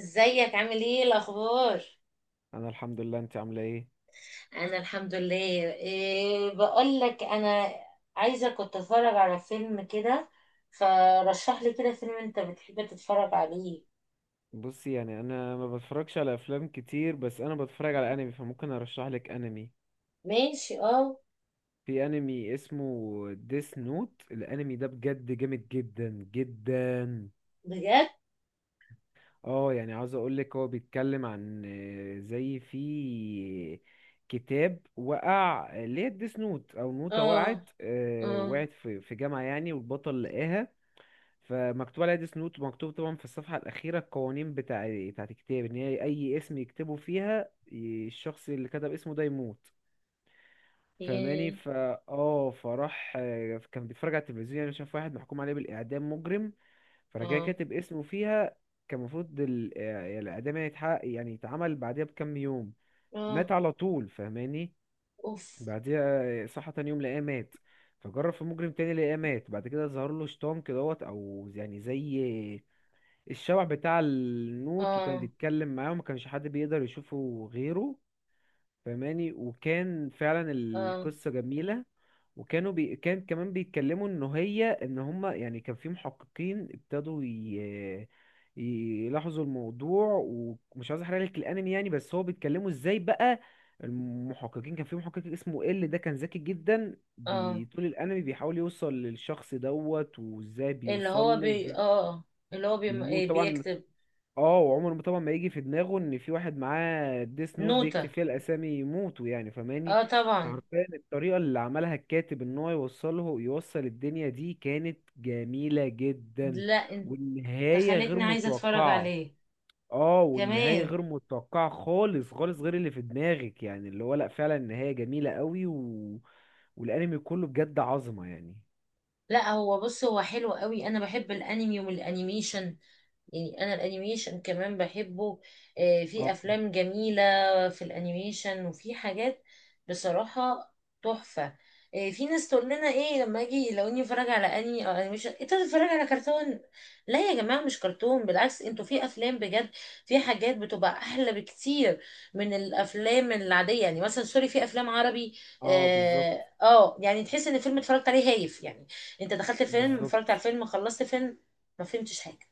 ازيك، عامل ايه، الاخبار؟ انا الحمد لله، انت عامله ايه؟ انا الحمد لله. إيه بقول لك، انا عايزه، كنت اتفرج على فيلم كده، فرشح لي كده فيلم انت بتحب تتفرج عليه. بصي، يعني انا ما بتفرجش على افلام كتير، بس انا بتفرج على انمي، فممكن ارشح لك انمي. ماشي اه. في انمي اسمه ديس نوت. الانمي ده بجد جامد جدا جدا. بجد. اه، يعني عاوز اقول لك، هو بيتكلم عن زي في كتاب وقع، اللي هي الديس نوت او نوتة، اه. وقعت اه. وقعت في جامعة يعني، والبطل لقاها. فمكتوب عليها ديس نوت، ومكتوب طبعا في الصفحة الأخيرة القوانين بتاعت الكتاب، إن هي أي اسم يكتبوا فيها الشخص اللي كتب اسمه ده يموت. فاهماني؟ ياه. فا اه فراح كان بيتفرج على التلفزيون، يعني شاف واحد محكوم عليه بالإعدام، مجرم، فراح جاي اه. كاتب اسمه فيها. كان المفروض الإعدام يعني يتحقق، يعني يتعمل بعدها بكام يوم. مات اه. على طول. فاهماني؟ اوف. بعديها صحى تاني يوم لقاه مات. فجرب في مجرم تاني لقاه مات. بعد كده ظهر له شيطان كدهوت، او يعني زي الشبح بتاع النوت، وكان اه. بيتكلم معاه وما كانش حد بيقدر يشوفه غيره. فماني، وكان فعلا اه. القصة جميلة. وكانوا كان كمان بيتكلموا ان هي ان هما يعني، كان في محققين ابتدوا يلاحظوا الموضوع. ومش عايز احرق لك الانمي يعني، بس هو بيتكلموا ازاي بقى المحققين. كان في محقق اسمه ال، ده كان ذكي جدا، اه. طول الانمي بيحاول يوصل للشخص دوت، وازاي اللي هو بيوصل له، بي وازاي اه آه. اللي هو النوت إيه، طبعا. بيكتب اه، وعمره ما طبعا ما يجي في دماغه ان في واحد معاه ديس نوت بيكتب نوتة. فيها الاسامي يموتوا يعني. فماني، اه طبعا. فحرفيا الطريقه اللي عملها الكاتب ان هو يوصله، يوصل الدنيا دي، كانت جميله جدا. لا انت والنهايه غير خليتني عايزه اتفرج متوقعه. عليه. اه، والنهايه كمان. غير متوقعه خالص خالص، غير اللي في دماغك يعني، اللي هو لا، فعلا النهايه جميله قوي والانمي كله بجد عظمه يعني. لا هو بص، هو حلو قوي، انا بحب الانمي والانيميشن. يعني انا الانيميشن كمان بحبه. آه، في اه، افلام جميلة في الانيميشن وفي حاجات، بصراحة تحفة. آه، في ناس تقول لنا ايه لما اجي، لو اني اتفرج على انمي او انيميشن انت بتتفرج على كرتون. لا يا جماعة، مش كرتون، بالعكس انتوا، في افلام بجد، في حاجات بتبقى احلى بكتير من الافلام العادية، يعني مثلا سوري في افلام عربي. اه، بالظبط، اه آه، يعني تحس ان الفيلم اتفرجت عليه هايف يعني. انت دخلت فيلم، اتفرجت بالظبط. على فيلم، خلصت فيلم، ما فهمتش حاجه.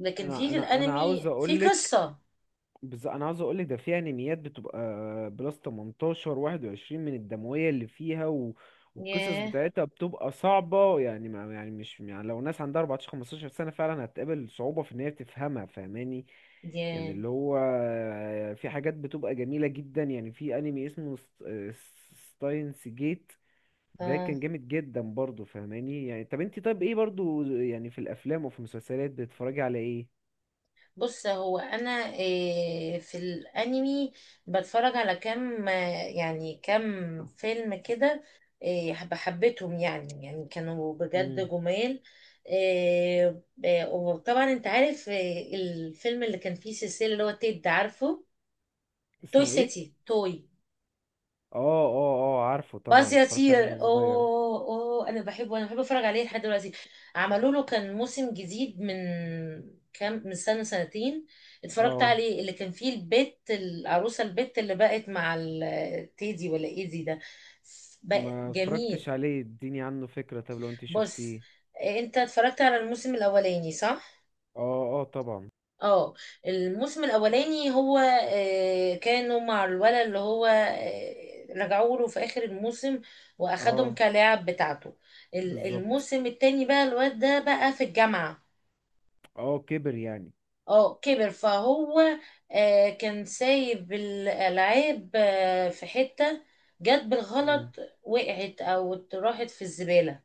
لكن في انا في انا انا عاوز الانمي في اقولك، قصه. بس انا عاوز اقولك، ده فيها انميات بتبقى بلس 18 21 من الدمويه اللي فيها والقصص ياه. بتاعتها بتبقى صعبه يعني، ما يعني مش يعني لو ناس عندها 14 15 سنه فعلا هتقابل صعوبه في ان هي تفهمها. فاهماني؟ يعني ياه. اللي هو في حاجات بتبقى جميله جدا. يعني في انمي اسمه ستاينس جيت، ده اه. كان جامد جدا برضه. فاهماني؟ يعني طب انت، طب ايه برضه يعني، في الافلام وفي المسلسلات بتتفرجي على ايه؟ بص هو انا إيه في الانمي بتفرج على كام آه، يعني كام فيلم كده، إيه حبيتهم يعني، يعني كانوا بجد امم جمال. إيه إيه، وطبعا انت عارف إيه الفيلم اللي كان فيه سلسله اللي هو تيد، عارفه توي اسمه ايه؟ سيتي توي اه، اه، اه، عارفه باز طبعا، اتفرجت عليه يطير؟ وانا صغير. اوه اوه، انا بحبه، انا بحب اتفرج عليه لحد دلوقتي. عملوا له كان موسم جديد من كام، من سنة سنتين اتفرجت اه، عليه، اللي كان فيه البت العروسة، البت اللي بقت مع التيدي ولا ايدي ده، بقى ما جميل. اتفرجتش عليه، اديني عنه فكرة، طب لو انت بص، شفتيه. إيه، انت اتفرجت على الموسم الاولاني صح؟ اه اه طبعا. اه. الموسم الاولاني هو آه، كانوا مع الولد اللي هو آه، رجعوا له في اخر الموسم واخدهم اه كلاعب بتاعته. بالظبط، الموسم التاني بقى الواد ده بقى في الجامعة. اه كبر يعني. اه كبر فهو آه، كان سايب الالعاب آه، في حتة جت مم. بالغلط. وقعت او راحت في الزبالة.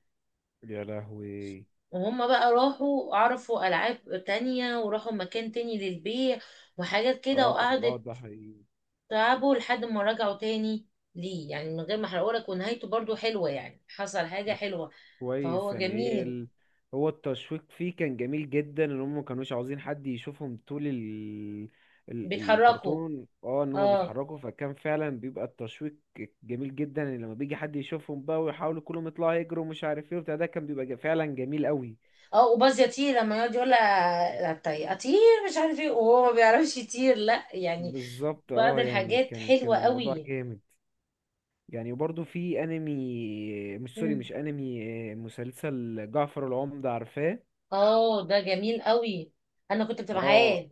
يا لهوي. وهم بقى راحوا عرفوا العاب تانية وراحوا مكان تاني للبيع وحاجات كده، اه اه، وقعدت ده حقيقي. تعبوا لحد ما رجعوا تاني ليه، يعني من غير ما احرقهولك، ونهايته برضو حلوة، يعني حصل حاجة حلوة، كويس فهو يعني، جميل. هو التشويق فيه كان جميل جدا، ان هم ما كانوش عاوزين حد يشوفهم طول بيتحركوا. الكرتون، اه ان هم اه. بيتحركوا، فكان فعلا بيبقى التشويق جميل جدا. يعني لما بيجي حد يشوفهم بقى، ويحاولوا كلهم يطلعوا يجروا، ومش عارف ايه وبتاع، ده كان بيبقى فعلا جميل قوي. اه، وباز يطير لما يقعد يقول لها طيب اطير، مش عارف ايه، وهو ما بيعرفش يطير، لا يعني. بالظبط. بعض اه يعني الحاجات كان حلوة الموضوع قوي. جامد يعني. وبرضه في انمي، مش، سوري، مم. مش انمي، مسلسل جعفر العمدة عارفاه؟ اه ده جميل قوي، انا كنت اه، معاه.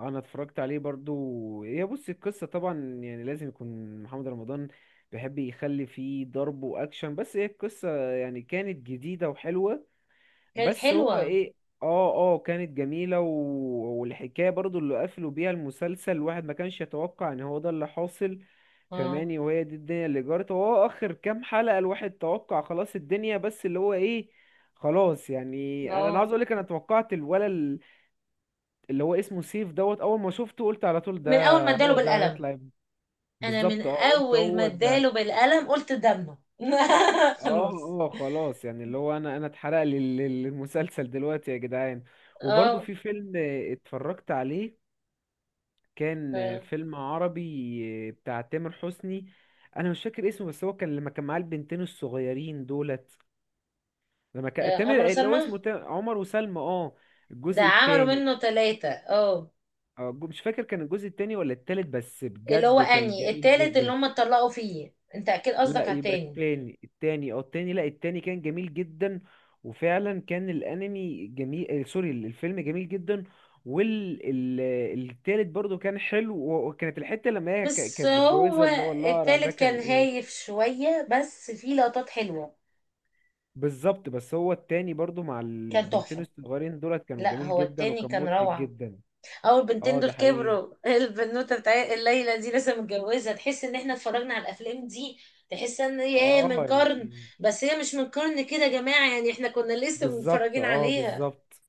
انا اتفرجت عليه برضو. هي بص القصه طبعا، يعني لازم يكون محمد رمضان بيحب يخلي فيه ضرب واكشن، بس هي القصه يعني كانت جديده وحلوه. كانت بس هو حلوة. ايه، اه اه، كانت جميله والحكايه برضو اللي قفلوا بيها المسلسل، الواحد ما كانش يتوقع ان هو ده اللي حاصل. اه. فماني، وهي دي الدنيا اللي جرت، هو اخر كام حلقه الواحد توقع، خلاص الدنيا، بس اللي هو ايه، خلاص يعني. انا عاوز اه اقول لك، انا توقعت الولد اللي هو اسمه سيف دوت، اول ما شفته قلت على طول، ده من اول ما اداله هو ده بالقلم. هيطلع ابني. انا من بالظبط، اه قلت اول ما هو اداله ده. بالقلم قلت دمه. اه خلاص. اه، خلاص يعني اللي هو، انا اتحرق لي المسلسل دلوقتي يا جدعان. وبرضه اه. في فيلم اتفرجت عليه، كان آه، فيلم عربي بتاع تامر حسني. انا مش فاكر اسمه، بس هو كان لما كان معاه البنتين الصغيرين دولت، لما كان اه، عمرو تامر اللي هو سلمى. اسمه عمر وسلمى اه، ده الجزء عملوا التاني. منه ثلاثة اه. اه مش فاكر كان الجزء التاني ولا التالت، بس اللي هو بجد كان اني جميل التالت اللي جدا. هم اتطلقوا فيه، انت اكيد لا قصدك على يبقى التاني. التاني، التاني او التاني، لا التاني كان جميل جدا. وفعلا كان الانمي جميل، سوري، الفيلم جميل جدا. والتالت برضو كان حلو، وكانت الحتة لما هي بس كانت هو متجوزة اللي هو لارا، ده التالت كان كان ايه. هايف شوية بس فيه لقطات حلوة. بالظبط، بس هو التاني برضو مع كان البنتين تحفة. الصغيرين دولت كانوا لا جميل هو جدا، التاني وكان كان مضحك روعة. جدا. او البنتين اه دول ده حقيقي، كبروا. البنوتة بتاع الليلة دي لسه متجوزة، تحس ان احنا اتفرجنا على الافلام دي، تحس ان هي اه من قرن. يعني، بس هي مش من قرن كده يا جماعة، يعني احنا كنا لسه بالظبط، متفرجين اه عليها. بالظبط.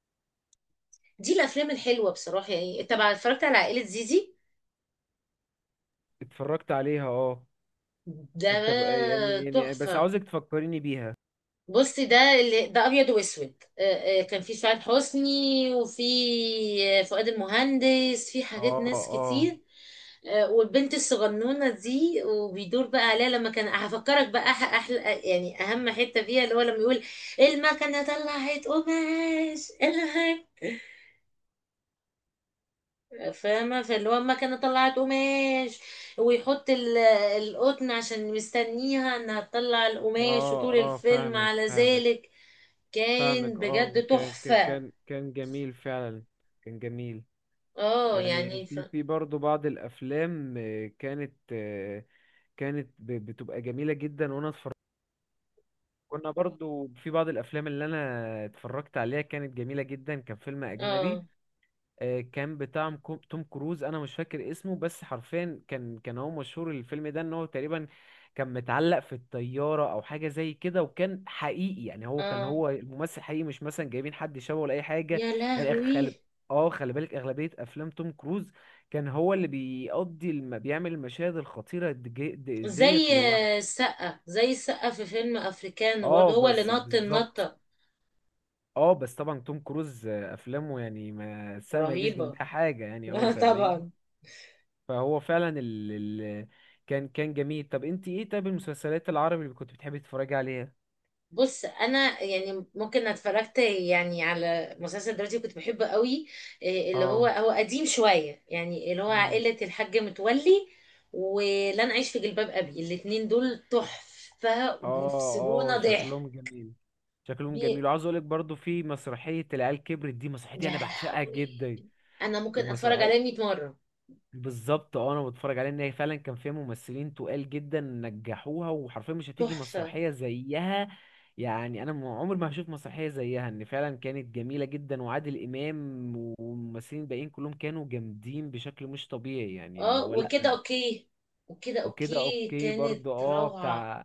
دي الافلام الحلوه بصراحه، يعني طبعا اتفرجت على عائله زيزي. اتفرجت عليها اه. ده انت بقى يعني يعني، بس تحفه. عاوزك تفكريني بيها. بصي ده اللي ده ابيض واسود آه، آه، كان في سعاد حسني وفي آه، فؤاد المهندس، في حاجات اه ناس اه كتير. آه، والبنت الصغنونه دي وبيدور بقى عليها لما كان، هفكرك بقى احلى يعني اهم حته فيها اللي هو لما يقول المكنه طلعت قماش الهك. فاهمة، فاللي هو المكنة طلعت قماش، ويحط القطن عشان مستنيها انها تطلع القماش اه وطول اه، الفيلم فاهمك على فاهمك ذلك. كان فاهمك اه، بجد كان كان تحفة. كان كان جميل فعلا. كان جميل اه يعني. يعني في في برضه بعض الافلام كانت كانت بتبقى جميله جدا، وانا اتفرجت. كنا برضه في بعض الافلام اللي انا اتفرجت عليها كانت جميله جدا. كان فيلم اجنبي اه. كان بتاع توم كروز. انا مش فاكر اسمه، بس حرفيا كان هو مشهور الفيلم ده ان هو تقريبا كان متعلق في الطيارة او حاجة زي كده، وكان حقيقي، يعني هو كان اه هو الممثل حقيقي، مش مثلا جايبين حد شبهه ولا اي حاجة. يا يعني خلي، لهوي. اه خلي بالك اغلبية افلام توم كروز، كان هو اللي بيقضي بيعمل المشاهد الخطيرة ديت زي لوحده. السقة، زي السقة في فيلم افريكانو، برضه اه، هو اللي بس نط بالظبط. النطة. اه بس طبعا توم كروز افلامه يعني، ما السقا ما يجيش رهيبة. جنبها حاجة يعني هو. فاهماني؟ طبعا. فهو فعلا ال... كان جميل. طب انت ايه، طب المسلسلات العربي اللي كنت بتحبي تتفرجي عليها؟ بص انا يعني ممكن اتفرجت يعني على مسلسل دلوقتي كنت بحبه قوي، إيه اللي هو، اه، هو قديم شويه يعني اللي هو مم. عائله الحاج متولي ولن اعيش في جلباب ابي، الاتنين دول تحفه اه وبيفصلونا اه، ضحك. شكلهم جميل. شكلهم بي... جميل، وعاوز اقولك برضو في مسرحية العيال كبرت، دي مسرحية، دي يا انا بعشقها لهوي، جدا انا ممكن اتفرج عليه المسرحية. 100 مره. بالظبط، اه، انا بتفرج عليه، ان هي فعلا كان فيها ممثلين تقال جدا نجحوها، وحرفيا مش هتيجي تحفه. مسرحيه زيها. يعني انا عمري ما هشوف مسرحيه زيها، ان فعلا كانت جميله جدا، وعادل امام والممثلين الباقيين كلهم كانوا جامدين بشكل مش طبيعي، يعني اللي اه هو وكده لا. اوكي. وكده وكده اوكي اوكي كانت برضو، اه روعه. بتاع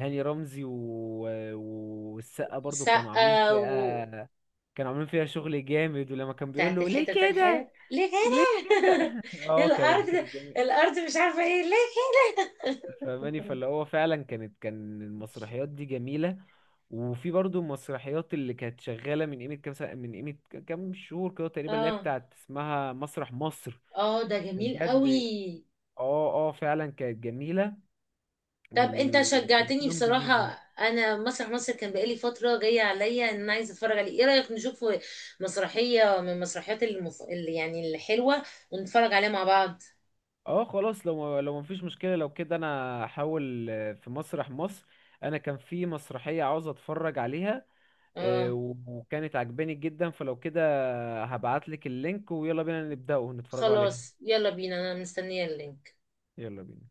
هاني رمزي والسقا برضو كانوا عاملين سقا. فيها، كانوا عاملين فيها شغل جامد. ولما كان بيقول بتاعت له ليه الحتة بتاعت كده، الحياة ليه ليه كده كده. اه، كانت الأرض. كانت جميلة. الأرض مش عارفة ايه ليه. فاهماني؟ فاللي هو فعلا كانت المسرحيات دي جميلة. وفي برضو المسرحيات اللي كانت شغالة من قيمة كام سنة، من قيمة كام شهور كده تقريبا، اللي هي اه. بتاعت اسمها مسرح مصر. اه ده جميل بجد، قوي. اه اه فعلا كانت جميلة، طب انت شجعتني وتمثيلهم بصراحة، جميل. انا مسرح مصر كان بقالي فترة جاية عليا ان انا عايزة اتفرج عليه، ايه رأيك نشوف مسرحية من المسرحيات اللي يعني الحلوة، ونتفرج عليها مع بعض. اه خلاص، لو لو مفيش مشكلة، لو كده انا هحاول في مسرح مصر. انا كان في مسرحية عاوز اتفرج عليها اه وكانت عجباني جدا، فلو كده هبعتلك اللينك ويلا بينا نبدأ ونتفرجوا عليها. خلاص يلا بينا، انا مستنية اللينك. يلا بينا.